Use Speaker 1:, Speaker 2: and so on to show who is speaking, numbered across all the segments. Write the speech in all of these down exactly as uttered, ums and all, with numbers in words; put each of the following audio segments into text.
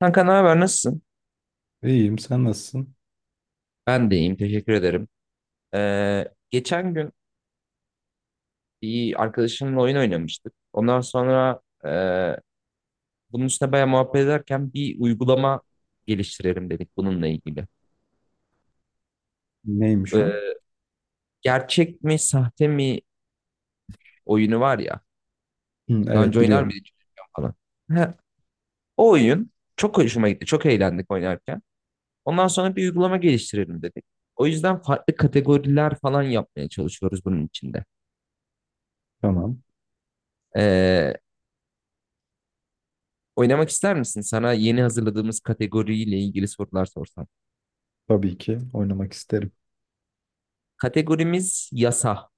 Speaker 1: Kanka ne haber nasılsın?
Speaker 2: İyiyim, sen nasılsın?
Speaker 1: Ben de iyiyim, teşekkür ederim. Ee, geçen gün bir arkadaşımla oyun oynamıştık. Ondan sonra e, bunun üstüne bayağı muhabbet ederken bir uygulama geliştirelim dedik bununla ilgili.
Speaker 2: Neymiş o?
Speaker 1: Ee, gerçek mi sahte mi oyunu var ya.
Speaker 2: Hı,
Speaker 1: Daha önce
Speaker 2: evet
Speaker 1: oynar
Speaker 2: biliyorum.
Speaker 1: mıydın bilmiyorum falan. Ha, o oyun çok hoşuma gitti. Çok eğlendik oynarken. Ondan sonra bir uygulama geliştirelim dedik. O yüzden farklı kategoriler falan yapmaya çalışıyoruz bunun içinde.
Speaker 2: Tamam.
Speaker 1: Ee, Oynamak ister misin? Sana yeni hazırladığımız kategoriyle ilgili sorular sorsam.
Speaker 2: Tabii ki oynamak isterim.
Speaker 1: Kategorimiz yasa.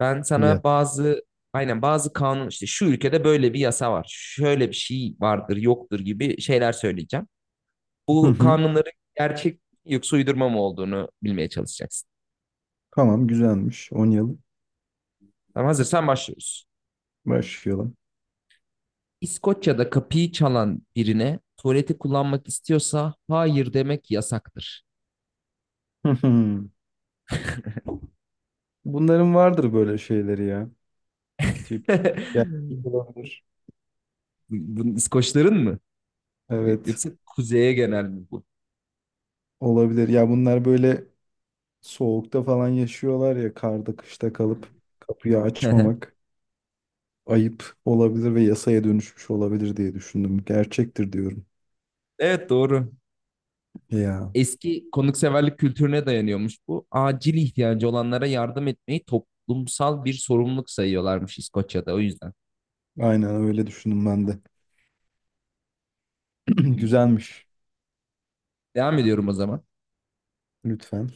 Speaker 1: Ben
Speaker 2: Ya.
Speaker 1: sana bazı, aynen, bazı kanun işte şu ülkede böyle bir yasa var. Şöyle bir şey vardır, yoktur gibi şeyler söyleyeceğim.
Speaker 2: Hı
Speaker 1: Bu
Speaker 2: hı.
Speaker 1: kanunların gerçek yoksa uydurma mı olduğunu bilmeye çalışacaksın.
Speaker 2: Tamam, güzelmiş. Oynayalım.
Speaker 1: Tamam, hazırsan başlıyoruz.
Speaker 2: Başlayalım.
Speaker 1: İskoçya'da kapıyı çalan birine, tuvaleti kullanmak istiyorsa, hayır demek yasaktır.
Speaker 2: Hı hı. Bunların vardır böyle şeyleri ya. Tip. Ya, olabilir.
Speaker 1: Bu- bu İskoçların mı?
Speaker 2: Evet.
Speaker 1: Yoksa kuzeye genel mi bu?
Speaker 2: Olabilir. Ya bunlar böyle soğukta falan yaşıyorlar, ya karda kışta kalıp kapıyı açmamak ayıp olabilir ve yasaya dönüşmüş olabilir diye düşündüm. Gerçektir diyorum.
Speaker 1: Evet, doğru.
Speaker 2: Ya,
Speaker 1: Eski konukseverlik kültürüne dayanıyormuş bu. Acil ihtiyacı olanlara yardım etmeyi toplumsal bir sorumluluk sayıyorlarmış İskoçya'da, o yüzden.
Speaker 2: aynen öyle düşündüm ben de. Güzelmiş.
Speaker 1: Devam ediyorum o zaman.
Speaker 2: Lütfen.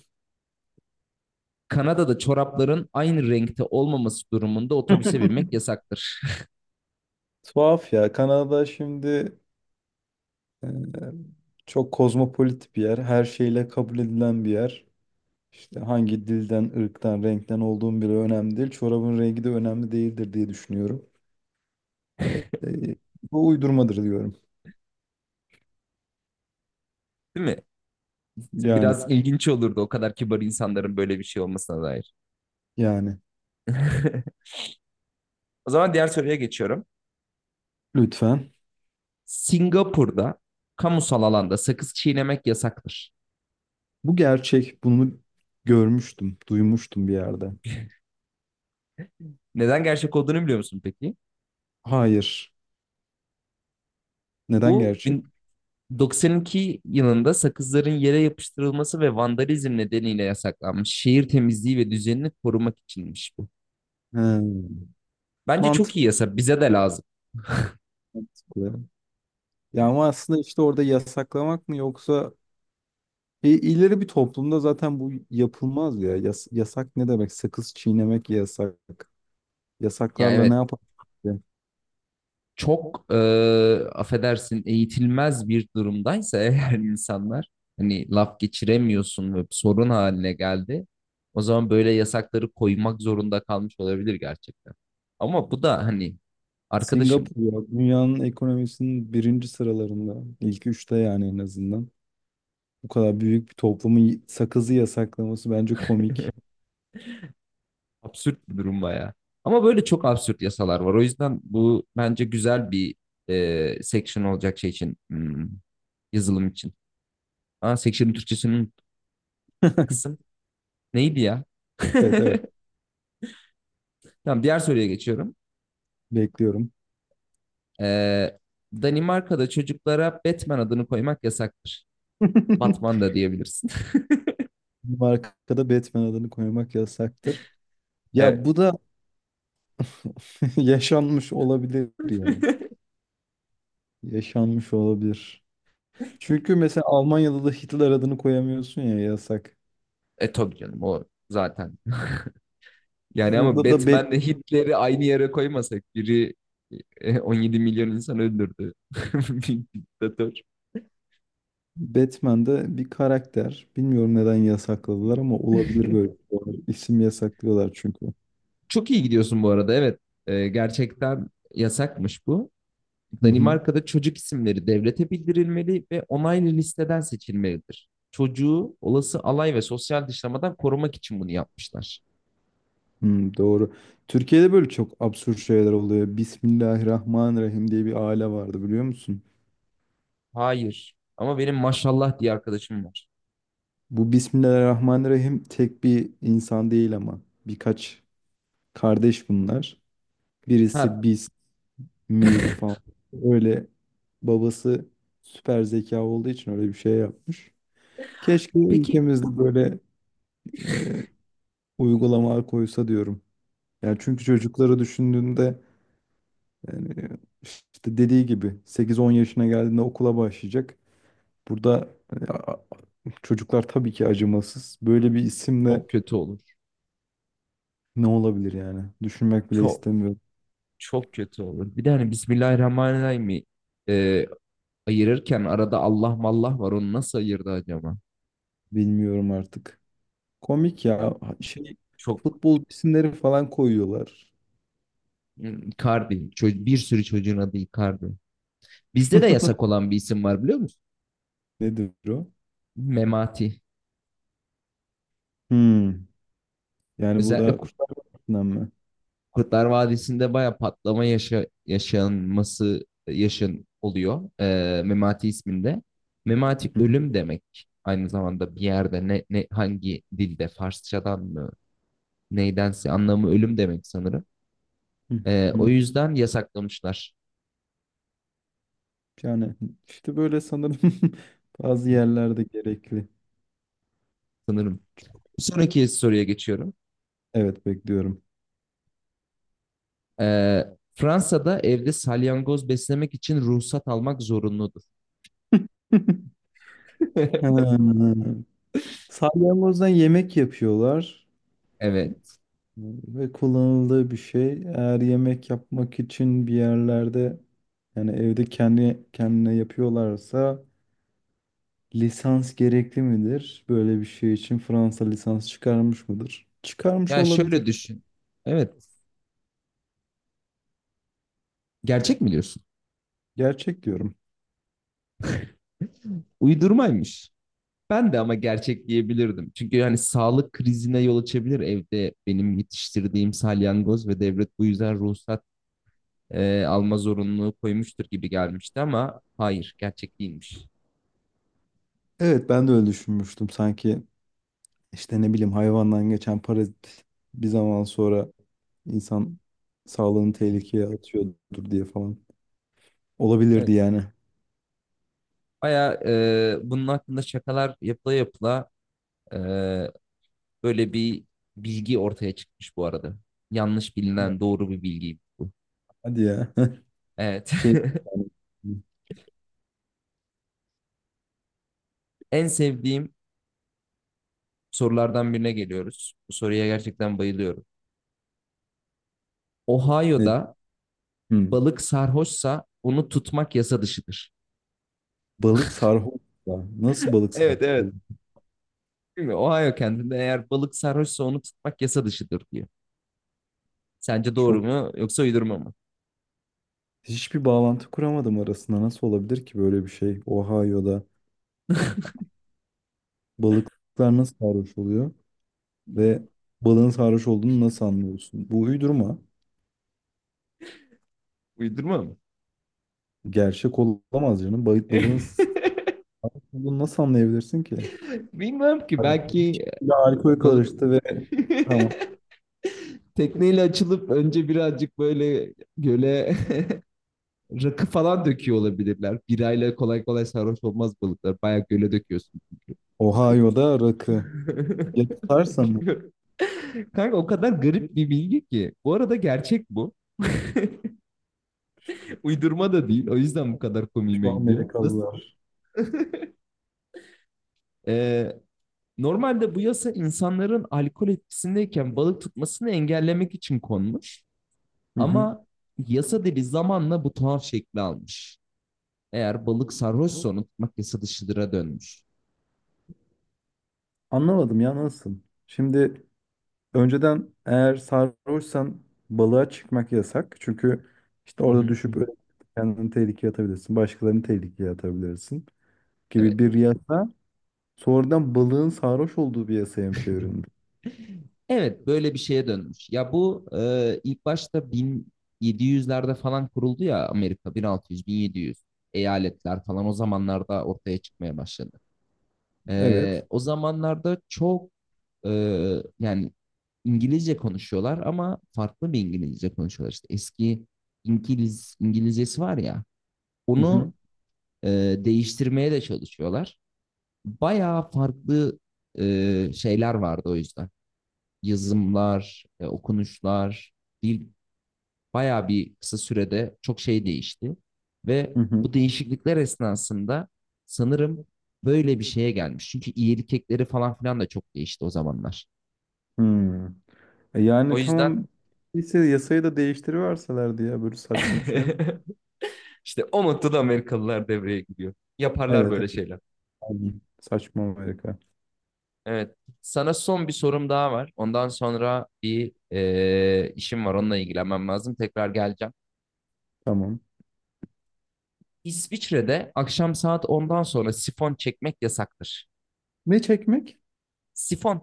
Speaker 1: Kanada'da çorapların aynı renkte olmaması durumunda otobüse binmek yasaktır.
Speaker 2: Tuhaf ya. Kanada şimdi e, çok kozmopolit bir yer. Her şeyle kabul edilen bir yer. İşte hangi dilden, ırktan, renkten olduğum bile önemli değil. Çorabın rengi de önemli değildir diye düşünüyorum. E, e, bu uydurmadır diyorum.
Speaker 1: Değil mi?
Speaker 2: Yani,
Speaker 1: Biraz ilginç olurdu o kadar kibar insanların böyle bir şey olmasına dair.
Speaker 2: yani.
Speaker 1: O zaman diğer soruya geçiyorum.
Speaker 2: Lütfen.
Speaker 1: Singapur'da kamusal alanda sakız çiğnemek yasaktır.
Speaker 2: Bu gerçek. Bunu görmüştüm, duymuştum bir yerde.
Speaker 1: Neden gerçek olduğunu biliyor musun peki?
Speaker 2: Hayır. Neden
Speaker 1: Bu
Speaker 2: gerçek?
Speaker 1: doksan iki yılında sakızların yere yapıştırılması ve vandalizm nedeniyle yasaklanmış. Şehir temizliği ve düzenini korumak içinmiş bu.
Speaker 2: Hmm.
Speaker 1: Bence
Speaker 2: Mantıklı.
Speaker 1: çok iyi yasa. Bize de lazım.
Speaker 2: Mantıklı. Ya ama aslında işte orada yasaklamak mı yoksa E, ileri bir toplumda zaten bu yapılmaz ya. Yas- yasak ne demek? Sakız çiğnemek yasak.
Speaker 1: Ya
Speaker 2: Yasaklarla ne
Speaker 1: evet,
Speaker 2: yapar?
Speaker 1: çok, e, affedersin, eğitilmez bir durumdaysa eğer insanlar, hani, laf geçiremiyorsun ve sorun haline geldi. O zaman böyle yasakları koymak zorunda kalmış olabilir gerçekten. Ama bu da hani arkadaşım...
Speaker 2: Singapur ya, dünyanın ekonomisinin birinci sıralarında. İlk üçte yani, en azından. Bu kadar büyük bir toplumun y- sakızı yasaklaması bence komik.
Speaker 1: Absürt bir durum bayağı. Ama böyle çok absürt yasalar var. O yüzden bu bence güzel bir, e, section olacak şey için. hmm, yazılım için. Aa, section'ın Türkçesinin kısım neydi ya?
Speaker 2: Evet, evet,
Speaker 1: Tamam, diğer soruya geçiyorum.
Speaker 2: bekliyorum.
Speaker 1: Ee, Danimarka'da çocuklara Batman adını koymak yasaktır. Batman da diyebilirsin.
Speaker 2: Markada Batman adını koymak yasaktır. Ya,
Speaker 1: Evet.
Speaker 2: bu da yaşanmış olabilir yani. Yaşanmış olabilir. Çünkü mesela Almanya'da da Hitler adını koyamıyorsun ya, yasak.
Speaker 1: E tabii canım, o zaten. Yani ama
Speaker 2: Burada da Bat-
Speaker 1: Batman'le Hitler'i aynı yere koymasak, biri e, on yedi milyon insan öldürdü. Bir diktatör.
Speaker 2: Batman'de bir karakter. Bilmiyorum neden yasakladılar ama olabilir böyle. Doğru. İsim yasaklıyorlar çünkü.
Speaker 1: Çok iyi gidiyorsun bu arada. Evet. Ee, gerçekten yasakmış bu.
Speaker 2: Hı hı.
Speaker 1: Danimarka'da çocuk isimleri devlete bildirilmeli ve onaylı listeden seçilmelidir. Çocuğu olası alay ve sosyal dışlamadan korumak için bunu yapmışlar.
Speaker 2: Hı, doğru. Türkiye'de böyle çok absürt şeyler oluyor. Bismillahirrahmanirrahim diye bir aile vardı, biliyor musun?
Speaker 1: Hayır. Ama benim maşallah diye arkadaşım var.
Speaker 2: Bu Bismillahirrahmanirrahim tek bir insan değil, ama birkaç kardeş bunlar. Birisi
Speaker 1: Ha,
Speaker 2: mil falan. Öyle, babası süper zeka olduğu için öyle bir şey yapmış. Keşke
Speaker 1: peki,
Speaker 2: ülkemizde böyle e, uygulamalar koysa diyorum. Yani çünkü çocukları düşündüğünde, yani işte dediği gibi sekiz on yaşına geldiğinde okula başlayacak. Burada e, a- a- çocuklar tabii ki acımasız. Böyle bir isimle
Speaker 1: çok kötü olur.
Speaker 2: ne olabilir yani? Düşünmek bile
Speaker 1: Çok
Speaker 2: istemiyorum.
Speaker 1: çok kötü olur. Bir de hani Bismillahirrahmanirrahim'i e, ayırırken arada Allah mallah var. Onu nasıl ayırdı acaba?
Speaker 2: Bilmiyorum artık. Komik
Speaker 1: Yani
Speaker 2: ya. Şey,
Speaker 1: çok...
Speaker 2: futbol isimleri falan koyuyorlar.
Speaker 1: Icardi. Bir sürü çocuğun adı Icardi. Bizde de yasak olan bir isim var biliyor musun?
Speaker 2: Nedir o?
Speaker 1: Memati.
Speaker 2: Hmm. Yani bu
Speaker 1: Özellikle
Speaker 2: da
Speaker 1: Ku-
Speaker 2: Kurtlar Vadisi'nden mi?
Speaker 1: Kurtlar Vadisi'nde baya patlama yaşa yaşanması yaşın oluyor. Ee, Memati isminde. Memati
Speaker 2: Hı,
Speaker 1: ölüm demek. Aynı zamanda bir yerde, ne, ne hangi dilde, Farsçadan mı neydense, anlamı ölüm demek sanırım.
Speaker 2: hı,
Speaker 1: Ee, o
Speaker 2: hı.
Speaker 1: yüzden yasaklamışlar
Speaker 2: Yani işte böyle sanırım bazı yerlerde gerekli.
Speaker 1: sanırım. Bir sonraki soruya geçiyorum.
Speaker 2: Evet, bekliyorum.
Speaker 1: Ee, Fransa'da evde salyangoz beslemek için ruhsat almak zorunludur.
Speaker 2: Hmm. Salyangozdan yemek yapıyorlar
Speaker 1: Evet.
Speaker 2: e, ve kullanıldığı bir şey. Eğer yemek yapmak için bir yerlerde, yani evde kendi kendine yapıyorlarsa lisans gerekli midir? Böyle bir şey için Fransa lisans çıkarmış mıdır? Çıkarmış
Speaker 1: Yani
Speaker 2: olabilir.
Speaker 1: şöyle düşün. Evet. Gerçek mi diyorsun?
Speaker 2: Gerçek diyorum.
Speaker 1: Uydurmaymış. Ben de ama gerçek diyebilirdim. Çünkü yani sağlık krizine yol açabilir evde benim yetiştirdiğim salyangoz ve devlet bu yüzden ruhsat e, alma zorunluluğu koymuştur gibi gelmişti, ama hayır, gerçek değilmiş.
Speaker 2: Evet, ben de öyle düşünmüştüm. Sanki işte ne bileyim, hayvandan geçen parazit bir zaman sonra insan sağlığını
Speaker 1: Hı hı.
Speaker 2: tehlikeye atıyordur diye falan. Olabilirdi
Speaker 1: Evet.
Speaker 2: yani.
Speaker 1: Baya bunun hakkında şakalar yapıla yapıla, e, böyle bir bilgi ortaya çıkmış bu arada. Yanlış bilinen doğru bir bilgi bu.
Speaker 2: Hadi ya.
Speaker 1: Evet.
Speaker 2: Şey, yani,
Speaker 1: En sevdiğim sorulardan birine geliyoruz. Bu soruya gerçekten bayılıyorum.
Speaker 2: ne,
Speaker 1: Ohio'da
Speaker 2: hmm,
Speaker 1: balık sarhoşsa onu tutmak yasa dışıdır.
Speaker 2: balık sarhoş. Ya. Nasıl balık sarhoş
Speaker 1: Evet, evet.
Speaker 2: olur?
Speaker 1: Değil mi? Ohio kendinde, eğer balık sarhoşsa onu tutmak yasa dışıdır, diyor. Sence doğru
Speaker 2: Çok,
Speaker 1: mu yoksa uydurma mı?
Speaker 2: hiçbir bağlantı kuramadım arasında. Nasıl olabilir ki böyle bir şey? Ohio'da balıklar nasıl sarhoş oluyor ve balığın sarhoş olduğunu nasıl anlıyorsun? Bu uydurma.
Speaker 1: Uydurma mı?
Speaker 2: Gerçek olamaz canım. Balık balığın bunu nasıl anlayabilirsin ki?
Speaker 1: Bilmem ki,
Speaker 2: Abi,
Speaker 1: belki e,
Speaker 2: ya alkol
Speaker 1: balık
Speaker 2: karıştı ve tamam.
Speaker 1: tekneyle açılıp önce birazcık böyle göle rakı falan döküyor olabilirler. Birayla kolay kolay sarhoş olmaz balıklar. Bayağı göle döküyorsun.
Speaker 2: Ohio'da rakı. Ya tutarsa mı?
Speaker 1: Bilmiyorum. Kanka o kadar garip bir bilgi ki. Bu arada gerçek bu. Uydurma da değil. O yüzden bu kadar komiğime
Speaker 2: Şu
Speaker 1: gidiyor. Nasıl?
Speaker 2: Amerikalılar.
Speaker 1: Ee, normalde bu yasa insanların alkol etkisindeyken balık tutmasını engellemek için konmuş.
Speaker 2: Hı hı.
Speaker 1: Ama yasa dili zamanla bu tuhaf şekli almış. Eğer balık sarhoşsa onu tutmak yasa dışıdıra dönmüş.
Speaker 2: Anlamadım ya, nasıl? Şimdi, önceden eğer sarhoşsan balığa çıkmak yasak. Çünkü işte
Speaker 1: Hı
Speaker 2: orada
Speaker 1: hı.
Speaker 2: düşüp ölebilirsin, kendini tehlikeye atabilirsin. Başkalarını tehlikeye atabilirsin gibi
Speaker 1: Evet.
Speaker 2: bir yasa. Sonradan balığın sarhoş olduğu bir yasaya mı çevrildi?
Speaker 1: Evet, böyle bir şeye dönmüş. Ya bu e, ilk başta bin yedi yüzlerde falan kuruldu ya. Amerika, bin altı yüz-bin yedi yüz, eyaletler falan o zamanlarda ortaya çıkmaya başladı.
Speaker 2: Evet.
Speaker 1: E, o zamanlarda çok, e, yani İngilizce konuşuyorlar ama farklı bir İngilizce konuşuyorlar. İşte eski İngiliz İngilizcesi var ya,
Speaker 2: Hı hı.
Speaker 1: onu e, değiştirmeye de çalışıyorlar. Bayağı farklı e, şeyler vardı o yüzden. Yazımlar, e, okunuşlar, dil bayağı bir kısa sürede çok şey değişti. Ve
Speaker 2: Hı hı.
Speaker 1: bu değişiklikler esnasında sanırım böyle bir şeye gelmiş. Çünkü iyilik ekleri falan filan da çok değişti o zamanlar.
Speaker 2: Hı. E
Speaker 1: O
Speaker 2: Yani
Speaker 1: yüzden
Speaker 2: tamam ise yasayı da değiştiriverselerdi ya, böyle saçma bir şey.
Speaker 1: işte o noktada Amerikalılar devreye giriyor. Yaparlar
Speaker 2: Evet,
Speaker 1: böyle
Speaker 2: evet.
Speaker 1: şeyler.
Speaker 2: Pardon. Saçma Amerika.
Speaker 1: Evet. Sana son bir sorum daha var. Ondan sonra bir e, işim var. Onunla ilgilenmem lazım. Tekrar geleceğim.
Speaker 2: Tamam.
Speaker 1: İsviçre'de akşam saat ondan sonra sifon çekmek yasaktır.
Speaker 2: Ne çekmek?
Speaker 1: Sifon.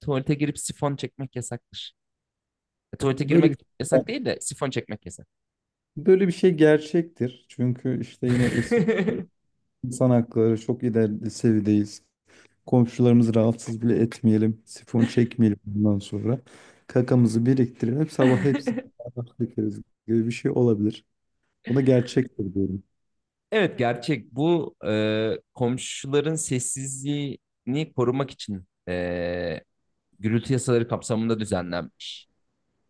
Speaker 1: Tuvalete girip sifon çekmek yasaktır. E, tuvalete
Speaker 2: Böyle bir
Speaker 1: girmek
Speaker 2: şey.
Speaker 1: yasak değil de sifon çekmek yasak.
Speaker 2: Böyle bir şey gerçektir. Çünkü işte yine İsviçre, insan hakları çok ileri seviyedeyiz. Komşularımızı rahatsız bile etmeyelim. Sifon çekmeyelim bundan sonra. Kakamızı biriktirelim. Sabah hepsini beraber dökeriz gibi bir şey olabilir. Buna gerçektir diyorum.
Speaker 1: Evet, gerçek. Bu e, komşuların sessizliğini korumak için, e, gürültü yasaları kapsamında düzenlenmiş.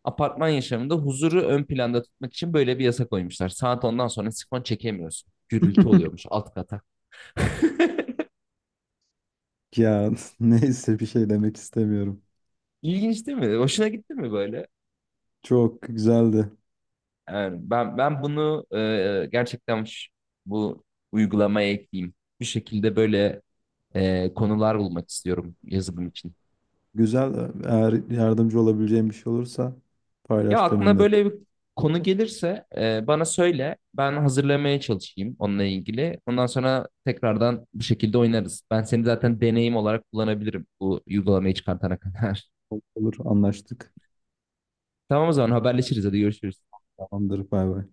Speaker 1: Apartman yaşamında huzuru ön planda tutmak için böyle bir yasa koymuşlar. Saat ondan sonra sifon çekemiyorsun. Gürültü oluyormuş alt kata.
Speaker 2: Ya neyse, bir şey demek istemiyorum.
Speaker 1: İlginç değil mi? Hoşuna gitti mi böyle?
Speaker 2: Çok güzeldi.
Speaker 1: Yani ben ben bunu e, gerçekten ş- bu uygulamaya ekleyeyim. Bir şekilde böyle e, konular bulmak istiyorum yazılım için.
Speaker 2: Güzel. Eğer yardımcı olabileceğim bir şey olursa
Speaker 1: Ya
Speaker 2: paylaş
Speaker 1: aklına
Speaker 2: benimle.
Speaker 1: böyle bir konu gelirse, e, bana söyle. Ben hazırlamaya çalışayım onunla ilgili. Ondan sonra tekrardan bu şekilde oynarız. Ben seni zaten deneyim olarak kullanabilirim bu uygulamayı çıkartana kadar.
Speaker 2: Olur, anlaştık.
Speaker 1: Tamam, o zaman haberleşiriz. Hadi görüşürüz.
Speaker 2: Tamamdır. Bay bay.